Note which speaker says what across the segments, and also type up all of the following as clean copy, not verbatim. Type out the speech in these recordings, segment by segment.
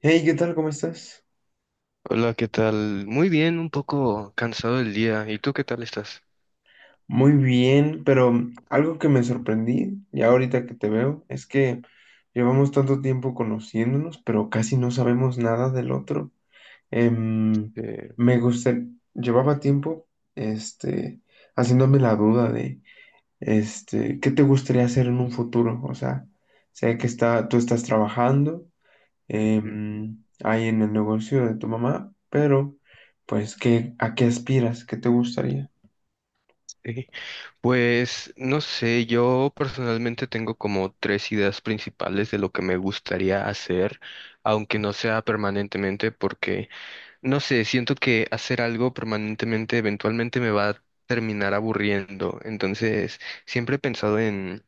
Speaker 1: Hey, ¿qué tal? ¿Cómo estás?
Speaker 2: Hola, ¿qué tal? Muy bien, un poco cansado del día. ¿Y tú qué tal estás?
Speaker 1: Muy bien, pero algo que me sorprendí, ya ahorita que te veo, es que llevamos tanto tiempo conociéndonos, pero casi no sabemos nada del otro. Em,
Speaker 2: Eh,
Speaker 1: Me gusta, llevaba tiempo, este, haciéndome la duda de, ¿qué te gustaría hacer en un futuro? O sea, sé que está, tú estás trabajando,
Speaker 2: ujú.
Speaker 1: ahí en el negocio de tu mamá, pero, pues, ¿qué, a qué aspiras? ¿Qué te gustaría?
Speaker 2: Sí. Pues no sé, yo personalmente tengo como tres ideas principales de lo que me gustaría hacer, aunque no sea permanentemente, porque no sé, siento que hacer algo permanentemente eventualmente me va a terminar aburriendo. Entonces, siempre he pensado en,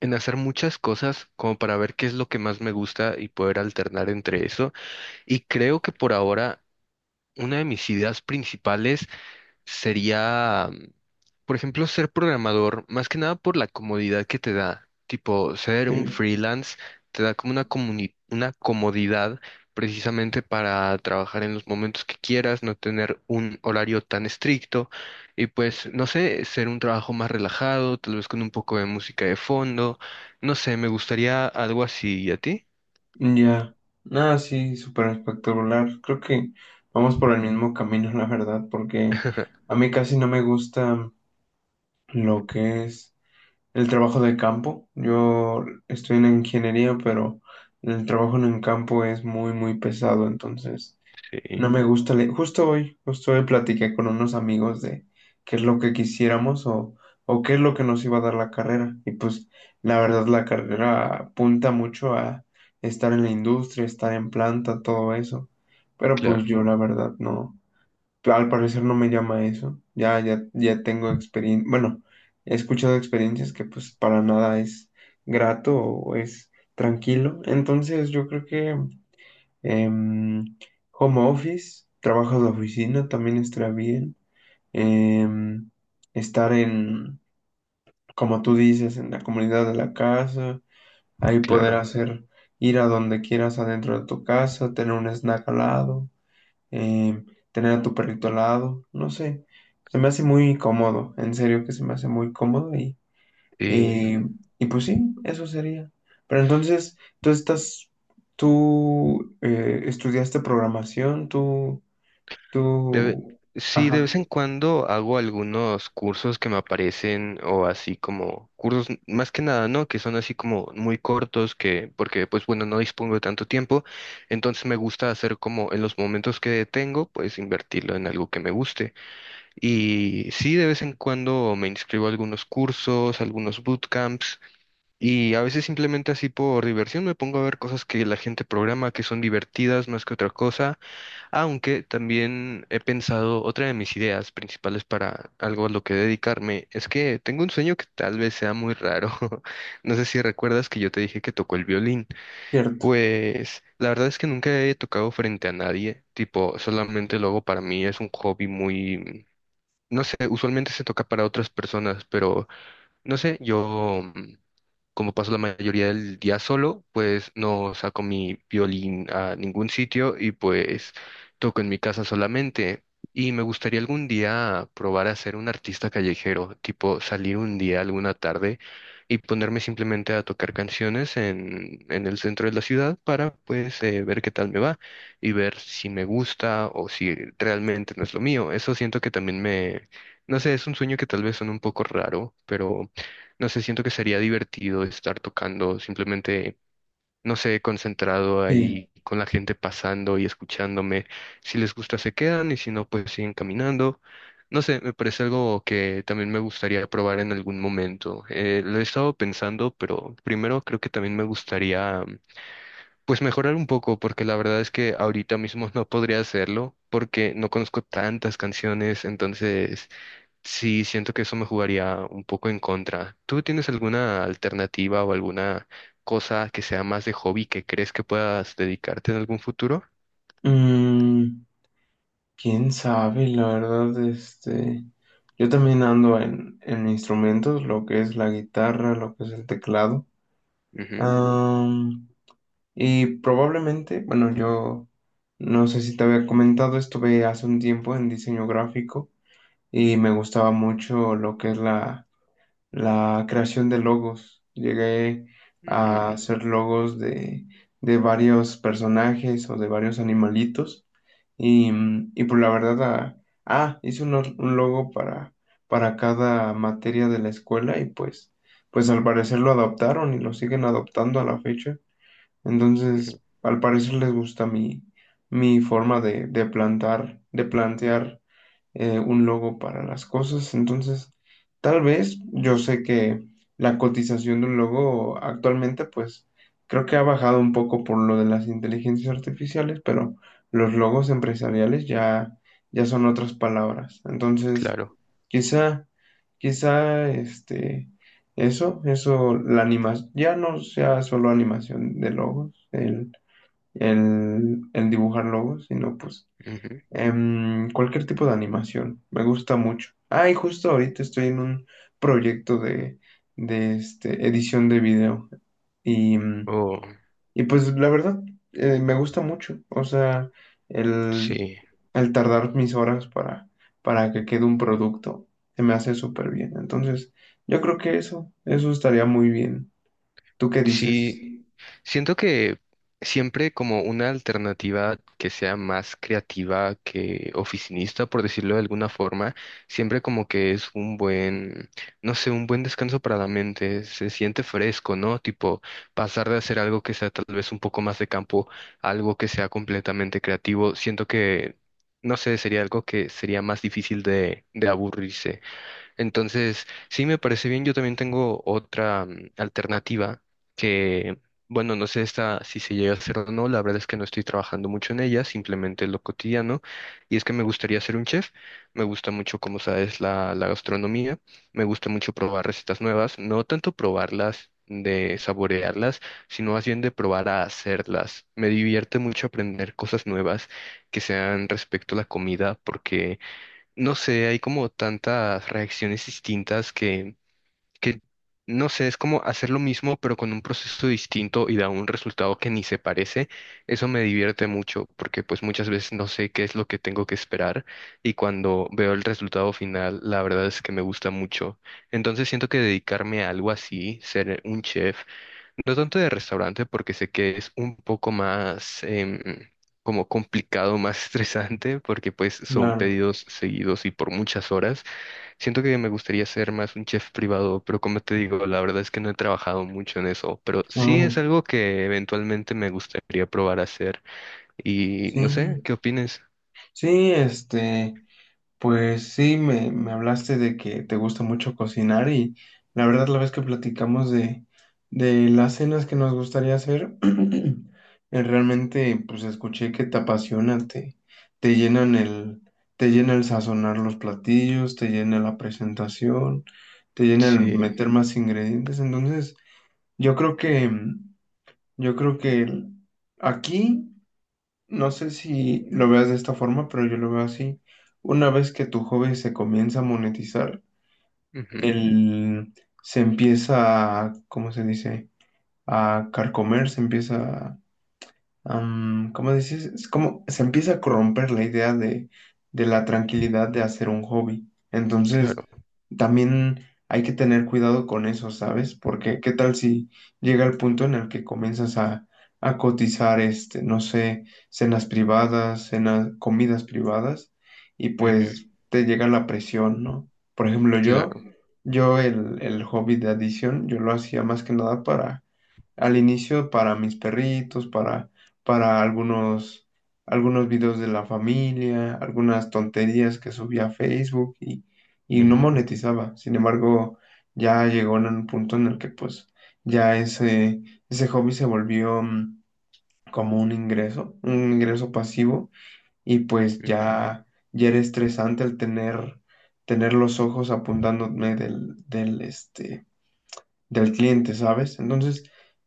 Speaker 2: en hacer muchas cosas como para ver qué es lo que más me gusta y poder alternar entre eso. Y creo que por ahora una de mis ideas principales sería, por ejemplo, ser programador, más que nada por la comodidad que te da. Tipo, ser un
Speaker 1: Sí.
Speaker 2: freelance te da como una una comodidad precisamente para trabajar en los momentos que quieras, no tener un horario tan estricto y pues, no sé, ser un trabajo más relajado, tal vez con un poco de música de fondo. No sé, me gustaría algo así. ¿Y a ti?
Speaker 1: Mm, ya, nada, sí, súper espectacular. Creo que vamos por el mismo camino, la verdad, porque a mí casi no me gusta lo que es el trabajo de campo. Yo estoy en ingeniería, pero el trabajo en el campo es muy, muy pesado, entonces no
Speaker 2: Sí,
Speaker 1: me gusta leer. Justo hoy platiqué con unos amigos de qué es lo que quisiéramos o qué es lo que nos iba a dar la carrera. Y pues la verdad la carrera apunta mucho a estar en la industria, estar en planta, todo eso. Pero pues
Speaker 2: claro,
Speaker 1: yo la verdad no, al parecer no me llama eso. Ya, ya, ya tengo experiencia, bueno, he escuchado experiencias que pues para nada es grato o es tranquilo. Entonces yo creo que... Em, home office, trabajo de oficina también está bien. Em, estar en, como tú dices, en la comunidad de la casa, ahí poder
Speaker 2: claro.
Speaker 1: hacer, ir a donde quieras adentro de tu casa, tener un snack al lado, em, tener a tu perrito al lado, no sé. Se me hace muy cómodo, en serio que se me hace muy cómodo y, y pues sí, eso sería. Pero entonces, tú estás, tú estudiaste programación, tú,
Speaker 2: De ve-
Speaker 1: tú,
Speaker 2: sí, de
Speaker 1: Ajá,
Speaker 2: vez en cuando hago algunos cursos que me aparecen o así como cursos, más que nada, ¿no? Que son así como muy cortos, que porque pues bueno, no dispongo de tanto tiempo, entonces me gusta hacer como en los momentos que tengo, pues invertirlo en algo que me guste. Y sí, de vez en cuando me inscribo a algunos cursos, algunos bootcamps. Y a veces simplemente así por diversión me pongo a ver cosas que la gente programa que son divertidas más que otra cosa, aunque también he pensado, otra de mis ideas principales para algo a lo que dedicarme es que tengo un sueño que tal vez sea muy raro. No sé si recuerdas que yo te dije que tocó el violín.
Speaker 1: cierto,
Speaker 2: Pues la verdad es que nunca he tocado frente a nadie, tipo, solamente lo hago para mí, es un hobby muy, no sé, usualmente se toca para otras personas, pero no sé, yo... Como paso la mayoría del día solo, pues no saco mi violín a ningún sitio y pues toco en mi casa solamente. Y me gustaría algún día probar a ser un artista callejero, tipo salir un día, alguna tarde, y ponerme simplemente a tocar canciones en el centro de la ciudad para pues ver qué tal me va y ver si me gusta o si realmente no es lo mío. Eso siento que también me, no sé, es un sueño que tal vez suena un poco raro, pero no sé, siento que sería divertido estar tocando, simplemente, no sé, concentrado
Speaker 1: sí.
Speaker 2: ahí con la gente pasando y escuchándome. Si les gusta, se quedan y si no, pues siguen caminando. No sé, me parece algo que también me gustaría probar en algún momento. Lo he estado pensando, pero primero creo que también me gustaría, pues mejorar un poco, porque la verdad es que ahorita mismo no podría hacerlo, porque no conozco tantas canciones, entonces... Sí, siento que eso me jugaría un poco en contra. ¿Tú tienes alguna alternativa o alguna cosa que sea más de hobby que crees que puedas dedicarte en algún futuro?
Speaker 1: Mm, quién sabe, la verdad, yo también ando en instrumentos, lo que es la guitarra, lo que es el teclado.
Speaker 2: Ujú,
Speaker 1: Am, y probablemente, bueno, yo no sé si te había comentado, estuve hace un tiempo en diseño gráfico. Y me gustaba mucho lo que es la, la creación de logos. Llegué a
Speaker 2: ujú,
Speaker 1: hacer logos de varios personajes o de varios animalitos y, y pues la verdad, hice un logo para cada materia de la escuela y pues, pues al parecer lo adoptaron y lo siguen adoptando a la fecha. Entonces, al parecer les gusta mi, mi forma de plantar, de plantear un logo para las cosas. Entonces, tal vez yo sé que la cotización de un logo actualmente, pues creo que ha bajado un poco por lo de las inteligencias artificiales, pero los logos empresariales ya, ya son otras palabras. Entonces,
Speaker 2: claro.
Speaker 1: quizá, quizá este. Eso, la animación, ya no sea solo animación de logos, el dibujar logos, sino pues
Speaker 2: Ujú.
Speaker 1: Cualquier tipo de animación, me gusta mucho. Ah, y justo ahorita estoy en un proyecto de, de edición de video. Y,
Speaker 2: Oh,
Speaker 1: y pues la verdad, me gusta mucho. O sea, el,
Speaker 2: sí.
Speaker 1: el tardar mis horas para que quede un producto, se me hace súper bien. Entonces, yo creo que eso estaría muy bien. ¿Tú qué dices?
Speaker 2: Sí, siento que siempre como una alternativa que sea más creativa que oficinista, por decirlo de alguna forma, siempre como que es un buen, no sé, un buen descanso para la mente, se siente fresco, ¿no? Tipo, pasar de hacer algo que sea tal vez un poco más de campo, a algo que sea completamente creativo, siento que, no sé, sería algo que sería más difícil de aburrirse. Entonces, sí me parece bien. Yo también tengo otra alternativa que, bueno, no sé esta, si se llega a hacer o no. La verdad es que no estoy trabajando mucho en ella, simplemente es lo cotidiano. Y es que me gustaría ser un chef. Me gusta mucho, como sabes, la gastronomía. Me gusta mucho probar recetas nuevas. No tanto probarlas, de saborearlas, sino más bien de probar a hacerlas. Me divierte mucho aprender cosas nuevas que sean respecto a la comida porque no sé, hay como tantas reacciones distintas que, no sé, es como hacer lo mismo, pero con un proceso distinto y da un resultado que ni se parece. Eso me divierte mucho, porque pues muchas veces no sé qué es lo que tengo que esperar y cuando veo el resultado final, la verdad es que me gusta mucho. Entonces siento que dedicarme a algo así, ser un chef, no tanto de restaurante porque sé que es un poco más como complicado, más estresante porque pues son
Speaker 1: Claro.
Speaker 2: pedidos seguidos y por muchas horas. Siento que me gustaría ser más un chef privado, pero como te digo, la verdad es que no he trabajado mucho en eso, pero sí es
Speaker 1: Oh,
Speaker 2: algo que eventualmente me gustaría probar a hacer y no sé,
Speaker 1: sí.
Speaker 2: ¿qué opinas?
Speaker 1: Sí, este. Pues sí, me hablaste de que te gusta mucho cocinar y la verdad la vez que platicamos de las cenas que nos gustaría hacer, eh, realmente pues escuché que te apasiona, te llenan el, te llena el sazonar los platillos, te llena la presentación, te llena el
Speaker 2: Sí,
Speaker 1: meter más ingredientes. Entonces, yo creo que, yo creo que aquí no sé si lo veas de esta forma, pero yo lo veo así. Una vez que tu hobby se comienza a monetizar,
Speaker 2: ujú,
Speaker 1: el, se empieza a, ¿cómo se dice? A carcomer, se empieza ¿cómo dices? Es como se empieza a corromper la idea de la tranquilidad de hacer un hobby. Entonces,
Speaker 2: claro,
Speaker 1: también hay que tener cuidado con eso, ¿sabes? Porque qué tal si llega el punto en el que comienzas a cotizar, este, no sé, cenas privadas, cenas, comidas privadas, y
Speaker 2: ujú,
Speaker 1: pues te llega la presión, ¿no? Por ejemplo, yo,
Speaker 2: claro.
Speaker 1: yo el hobby de adición, yo lo hacía más que nada para al inicio para mis perritos, para algunos, algunos videos de la familia, algunas tonterías que subía a Facebook y no
Speaker 2: Ujú,
Speaker 1: monetizaba. Sin embargo, ya llegó en un punto en el que pues ya ese hobby se volvió como un ingreso pasivo y pues
Speaker 2: ujú.
Speaker 1: ya, ya era estresante el tener, tener los ojos apuntándome del, del del cliente, ¿sabes? Entonces,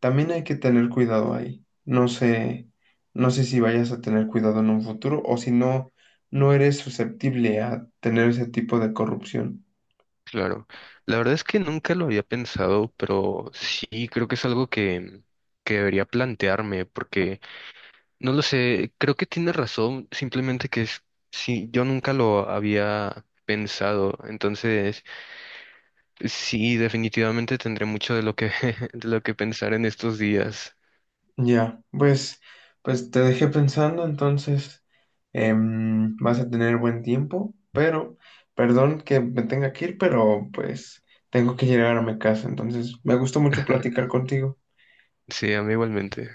Speaker 1: también hay que tener cuidado ahí. No sé, no sé si vayas a tener cuidado en un futuro o si no, no eres susceptible a tener ese tipo de corrupción.
Speaker 2: Claro, la verdad es que nunca lo había pensado, pero sí creo que es algo que debería plantearme, porque no lo sé, creo que tiene razón, simplemente que es, sí, yo nunca lo había pensado, entonces sí, definitivamente tendré mucho de lo que, de lo que pensar en estos días.
Speaker 1: Ya, pues, pues te dejé pensando, entonces vas a tener buen tiempo, pero, perdón que me tenga que ir, pero pues tengo que llegar a mi casa, entonces me gustó mucho platicar contigo.
Speaker 2: Sí, a mí igualmente.